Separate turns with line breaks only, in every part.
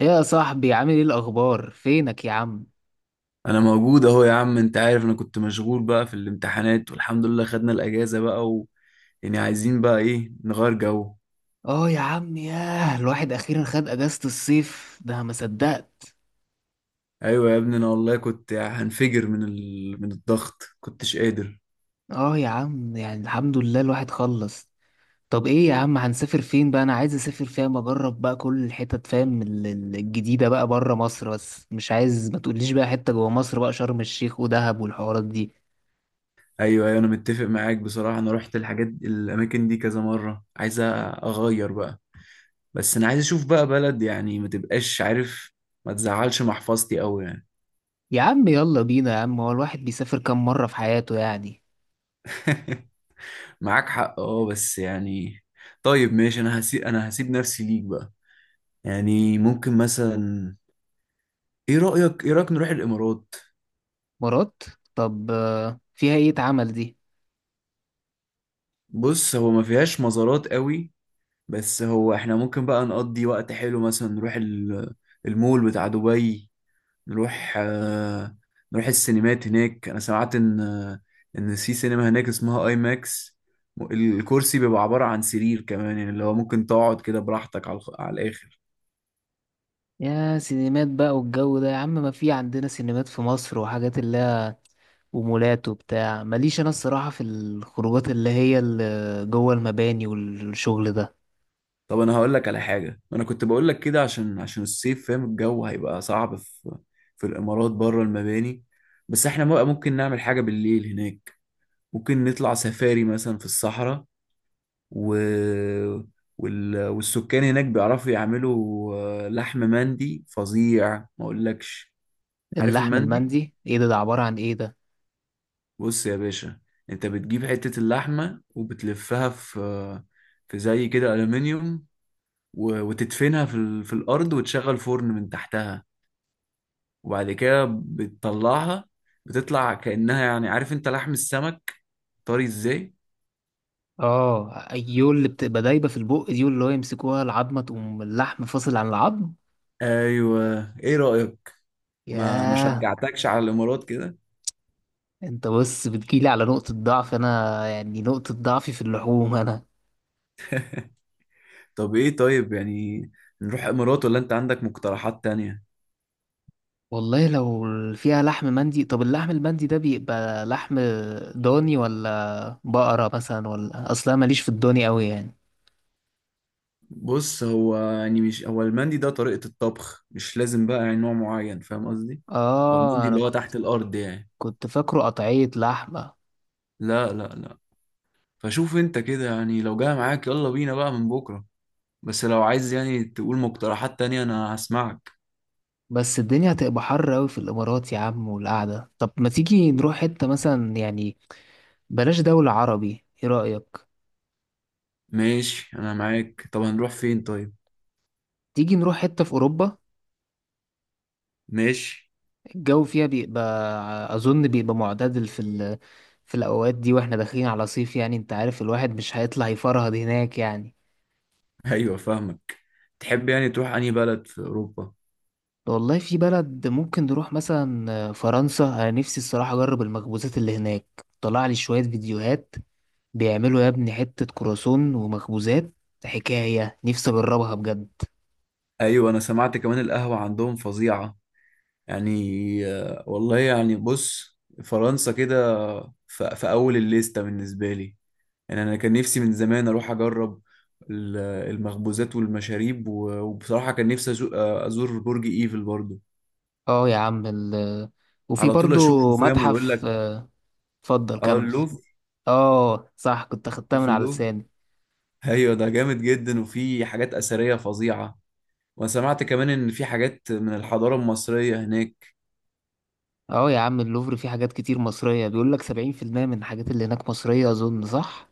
ايه يا صاحبي؟ عامل ايه الاخبار؟ فينك يا عم؟
انا موجود اهو يا عم. انت عارف انا كنت مشغول بقى في الامتحانات والحمد لله خدنا الاجازة بقى يعني عايزين بقى ايه نغير جو.
اه يا عم، ياه الواحد اخيرا خد اجازة الصيف، ده ما صدقت.
ايوه يا ابني، انا والله كنت هنفجر من الضغط كنتش قادر.
اه يا عم يعني الحمد لله الواحد خلص. طب ايه يا عم، هنسافر فين بقى؟ انا عايز اسافر فاهم، اجرب بقى كل الحتت فاهم، الجديدة بقى بره مصر، بس مش عايز ما تقوليش بقى حتة جوه مصر بقى شرم الشيخ ودهب والحوارات دي.
ايوه، ايوه، انا متفق معاك بصراحة. انا رحت الحاجات الاماكن دي كذا مرة، عايز اغير بقى. بس انا عايز اشوف بقى بلد، يعني ما تبقاش عارف، ما تزعلش محفظتي قوي يعني.
يا عم يلا بينا يا عم، هو الواحد بيسافر كام مرة في حياته يعني؟
معاك حق، اه، بس يعني طيب ماشي. انا هسيب نفسي ليك بقى. يعني ممكن مثلا، ايه رأيك نروح الامارات؟
مرات. طب فيها ايه اتعمل دي؟
بص، هو ما فيهاش مزارات قوي، بس هو احنا ممكن بقى نقضي وقت حلو. مثلا نروح المول بتاع دبي. نروح نروح السينمات هناك. انا سمعت ان في سينما هناك اسمها اي ماكس. الكرسي بيبقى عبارة عن سرير كمان، يعني اللي هو ممكن تقعد كده براحتك على الاخر.
يا سينمات بقى والجو ده يا عم، ما في عندنا سينمات في مصر وحاجات اللي هي، ومولات وبتاع. ماليش انا الصراحة في الخروجات اللي هي اللي جوه المباني والشغل ده.
طب انا هقول لك على حاجه، انا كنت بقول لك كده عشان الصيف فاهم، الجو هيبقى صعب في في الامارات بره المباني. بس احنا بقى ممكن نعمل حاجه بالليل هناك. ممكن نطلع سفاري مثلا في الصحراء و... والسكان هناك بيعرفوا يعملوا لحم مندي فظيع، ما اقولكش. عارف
اللحم
المندي؟
المندي ايه ده؟ ده عبارة عن ايه ده؟
بص يا باشا، انت بتجيب حته اللحمه وبتلفها في في زي كده الومنيوم، وتدفنها في الارض وتشغل فرن من تحتها، وبعد كده بتطلعها. بتطلع كأنها، يعني عارف انت لحم السمك طري ازاي.
اه ايول، اللي بتبقى دايبة في البق دي واللي هو يمسكوها العظمة تقوم اللحم فاصل عن العظم.
ايوه، ايه رأيك؟ ما
ياه.
شجعتكش على الامارات كده؟
انت بص بتجيلي على نقطة ضعف انا يعني، نقطة ضعفي في اللحوم انا.
طب ايه طيب، يعني نروح امارات ولا انت عندك مقترحات تانية؟
والله لو فيها لحم مندي. طب اللحم المندي ده بيبقى لحم ضاني ولا بقرة مثلا؟ ولا اصلا ماليش في الضاني قوي يعني.
بص، هو يعني مش هو المندي ده طريقة الطبخ، مش لازم بقى يعني نوع معين، فاهم قصدي. هو
اه
المندي
انا
اللي هو
كنت
تحت الارض يعني.
كنت فاكره قطعية لحمة.
لا. فشوف انت كده يعني، لو جاي معاك يلا بينا بقى من بكرة. بس لو عايز يعني تقول مقترحات تانية انا هسمعك.
بس الدنيا هتبقى حر قوي في الامارات يا عم والقعدة. طب ما تيجي نروح حتة مثلا يعني، بلاش دولة عربي، ايه رأيك؟
ماشي انا معاك، طب هنروح فين طيب؟
تيجي نروح حتة في اوروبا؟
ماشي.
الجو فيها بيبقى اظن بيبقى معتدل في ال... في الاوقات دي، واحنا داخلين على صيف يعني، انت عارف الواحد مش هيطلع يفرهد هناك يعني.
ايوه، فاهمك. تحب يعني تروح انهي بلد في اوروبا؟
والله في بلد ممكن نروح مثلا فرنسا. انا نفسي الصراحه اجرب المخبوزات اللي هناك، طلع لي شويه فيديوهات بيعملوا يا ابني حته كرواسون ومخبوزات، حكايه نفسي اجربها بجد.
ايوه، انا سمعت كمان القهوة عندهم فظيعة يعني. والله يعني بص، فرنسا كده في اول الليستة بالنسبة لي. يعني انا كان نفسي من زمان اروح اجرب ال- المخبوزات والمشاريب وبصراحة كان نفسي ازور برج ايفل برضو.
اه يا عم ال... وفي
على طول اشوفه،
برضو
فاهم، ويقول
متحف
لك.
اتفضل
اه،
كمل.
اللوفر.
اه صح كنت اخدتها من
في
على
اللوفر،
لساني.
ايوه، ده جامد جدا وفي حاجات اثريه فظيعه. وانا سمعت كمان ان في حاجات من الحضاره المصريه هناك.
اه يا عم اللوفر فيه حاجات كتير مصريه، بيقول لك 70% من الحاجات اللي هناك مصريه، اظن صح.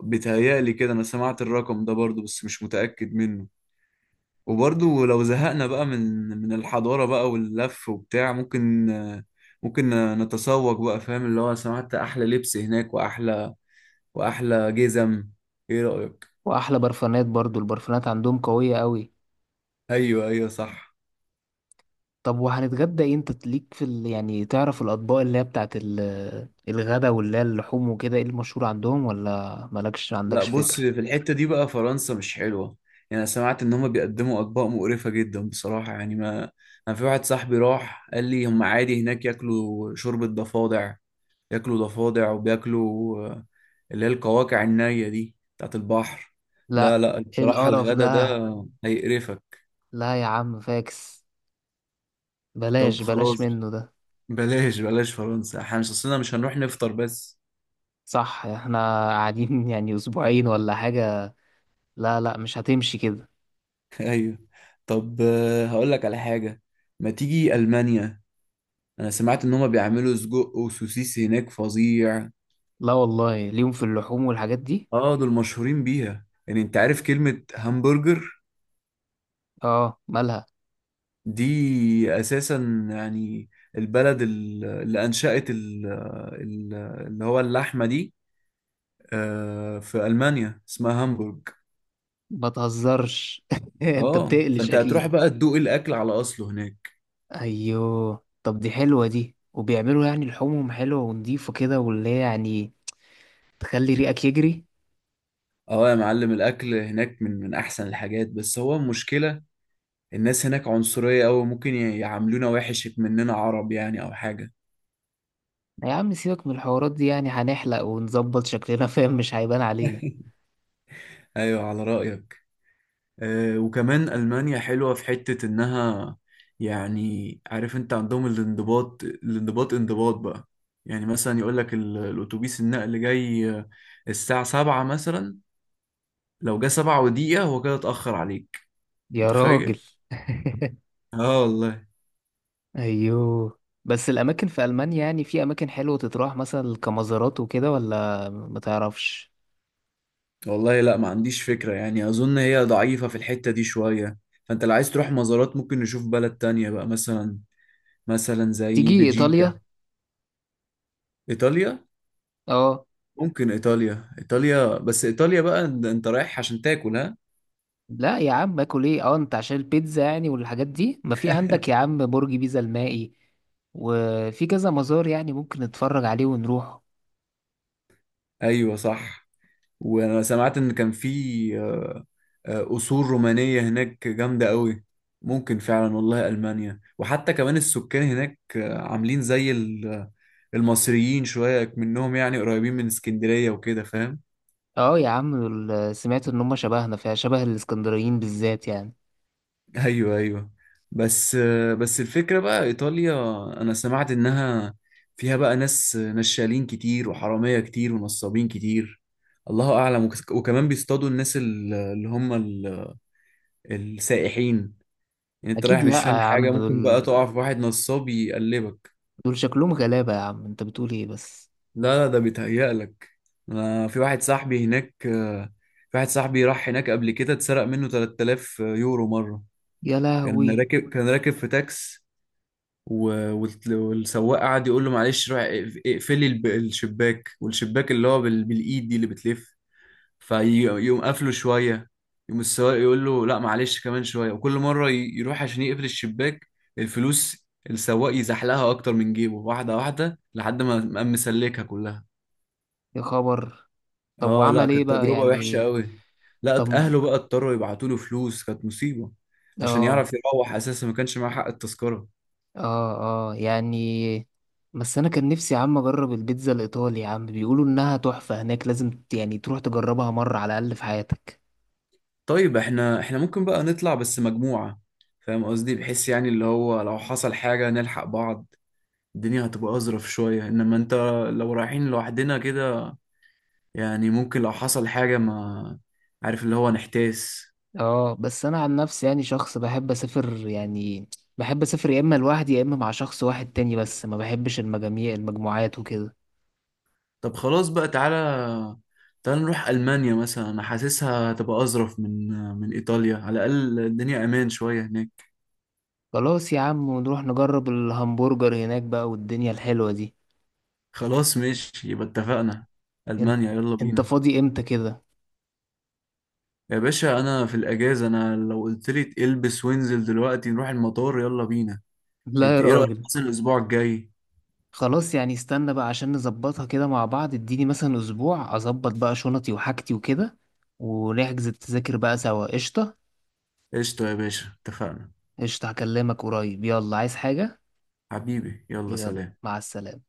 بيتهيألي كده، انا سمعت الرقم ده برضو بس مش متاكد منه. وبرضو لو زهقنا بقى من الحضاره بقى واللف وبتاع، ممكن ممكن نتسوق بقى، فاهم، اللي هو سمعت احلى لبس هناك واحلى جزم. ايه رايك؟
واحلى برفانات برضو، البرفانات عندهم قويه قوي.
ايوه، ايوه، صح.
طب وهنتغدى ايه؟ انت ليك في ال... يعني تعرف الاطباق اللي هي بتاعت ال... الغدا واللي هي اللحوم وكده، ايه المشهور عندهم ولا مالكش
لا
عندكش
بص،
فكرة؟
في الحتة دي بقى فرنسا مش حلوة. يعني أنا سمعت إن هما بيقدموا أطباق مقرفة جدا بصراحة. يعني ما أنا في واحد صاحبي راح قال لي هما عادي هناك ياكلوا شوربة ضفادع. ياكلوا ضفادع وبياكلوا اللي هي القواقع النية دي بتاعت البحر. لا
لا.
لا،
ايه
بصراحة
القرف
الغدا ده
ده؟
هيقرفك.
لا يا عم فاكس، بلاش
طب
بلاش
خلاص،
منه ده.
بلاش فرنسا. احنا مش أصلنا مش هنروح نفطر بس.
صح، احنا قاعدين يعني اسبوعين ولا حاجة؟ لا لا، مش هتمشي كده.
أيوه. طب هقول لك على حاجة، ما تيجي ألمانيا. انا سمعت ان هما بيعملوا سجق وسوسيس هناك فظيع.
لا والله ليهم في اللحوم والحاجات دي.
اه دول مشهورين بيها، يعني انت عارف كلمة همبرجر
اه مالها؟
دي اساسا يعني البلد اللي انشأت ال- اللي هو اللحمة دي في المانيا اسمها هامبورج.
ما تهزرش انت
اه،
بتقلش،
فانت هتروح
اكيد؟
بقى تدوق الاكل على اصله هناك.
ايوه طب دي حلوة دي، وبيعملوا يعني لحومهم حلوة ونضيفة كده واللي هي يعني تخلي ريقك يجري.
اه يا معلم، الاكل هناك من احسن الحاجات. بس هو المشكلة الناس هناك عنصرية أوي، ممكن يعاملونا وحش مننا عرب يعني او حاجة.
يا عم سيبك من الحوارات دي يعني، هنحلق ونظبط شكلنا فاهم، مش هيبان علينا.
ايوه، على رأيك. آه، وكمان ألمانيا حلوة في حتة انها يعني، عارف انت عندهم الانضباط، انضباط بقى. يعني مثلا يقول لك الاتوبيس النقل جاي الساعة سبعة مثلا، لو جه سبعة ودقيقة هو كده اتأخر عليك.
يا راجل.
متخيل؟ اه والله.
ايوه، بس الاماكن في المانيا يعني في اماكن حلوة تتراح مثلا كمزارات وكده ولا ما تعرفش؟
والله لا، ما عنديش فكرة. يعني أظن هي ضعيفة في الحتة دي شوية. فأنت لو عايز تروح مزارات ممكن نشوف بلد تانية بقى، مثلا زي
تيجي
بلجيكا.
ايطاليا؟
إيطاليا؟
اه.
ممكن ايطاليا. ايطاليا بس ايطاليا بقى أنت رايح عشان تاكل، ها.
لا يا عم اكل ايه؟ اه انت عشان البيتزا يعني والحاجات دي؟ ما في عندك يا عم برج بيزا المائي، وفي كذا مزار يعني ممكن نتفرج عليه ونروح.
ايوه صح. وانا سمعت ان كان في قصور رومانية هناك جامدة قوي. ممكن فعلا. والله المانيا، وحتى كمان السكان هناك عاملين زي المصريين شوية. منهم يعني قريبين من اسكندرية وكده، فاهم.
اه يا عم دول، سمعت ان هم شبهنا، فيها شبه الاسكندرانيين بالذات يعني.
ايوه، ايوه. بس الفكره بقى ايطاليا، انا سمعت انها فيها بقى ناس نشالين كتير وحراميه كتير ونصابين كتير، الله اعلم. وكمان بيصطادوا الناس اللي هم السائحين. يعني انت
اكيد.
رايح
لا
مش فاهم
يا عم
حاجه،
دول
ممكن بقى تقع في واحد نصاب يقلبك.
دول شكلهم غلابة، يا عم انت بتقول ايه بس؟
لا لا، ده بيتهيألك. أنا في واحد صاحبي هناك، في واحد صاحبي راح هناك قبل كده، اتسرق منه 3000 يورو مره.
يا
كان
لهوي.
راكب كان راكب في تاكس، والسواق قعد يقول له معلش روح اقفلي الشباك، والشباك اللي هو بالايد دي اللي بتلف. فيقوم قافله شويه، يقوم السواق يقول له لا معلش كمان شويه. وكل مره يروح عشان يقفل الشباك، الفلوس السواق يزحلقها اكتر من جيبه واحده واحده، لحد ما قام مسلكها كلها.
يا خبر. طب
اه، لا
وعمل ايه
كانت
بقى
تجربه وحشه
يعني؟
قوي. لا،
طب.
اهله بقى اضطروا يبعتوا له فلوس، كانت مصيبه عشان
اه.
يعرف يروح اساسا، ما كانش معاه حق التذكره.
اه اه يعني. بس انا كان نفسي يا عم اجرب البيتزا الايطالي يا عم، بيقولوا انها تحفة هناك، لازم يعني تروح تجربها مرة على الاقل في حياتك.
طيب، احنا ممكن بقى نطلع بس مجموعة، فاهم قصدي، بحيث يعني اللي هو لو حصل حاجة نلحق بعض. الدنيا هتبقى أظرف شوية. إنما أنت لو رايحين لوحدنا كده، يعني ممكن لو حصل حاجة ما، عارف اللي هو، نحتاس.
اه بس انا عن نفسي يعني شخص بحب اسافر يعني، بحب اسافر يا اما لوحدي يا اما مع شخص واحد تاني، بس ما بحبش المجاميع المجموعات وكده.
طب خلاص بقى، تعالى نروح ألمانيا مثلا. أنا حاسسها هتبقى أظرف من إيطاليا، على الأقل الدنيا أمان شوية هناك.
خلاص يا عم، ونروح نجرب الهمبرجر هناك بقى والدنيا الحلوة دي.
خلاص ماشي، يبقى اتفقنا،
انت
ألمانيا، يلا
انت
بينا.
فاضي امتى كده؟
يا باشا انا في الاجازه، انا لو قلت لي البس وانزل دلوقتي نروح المطار يلا بينا.
لا يا
إنت ايه رايك
راجل.
مثلا الاسبوع الجاي؟
خلاص يعني استنى بقى عشان نظبطها كده مع بعض، اديني مثلا اسبوع اظبط بقى شنطي وحاجتي وكده، ونحجز التذاكر بقى سوا. قشطة؟
قشطه يا باشا، اتفقنا.
قشطة هكلمك قريب، يلا عايز حاجة؟
حبيبي، يلا
يلا
سلام.
مع السلامة.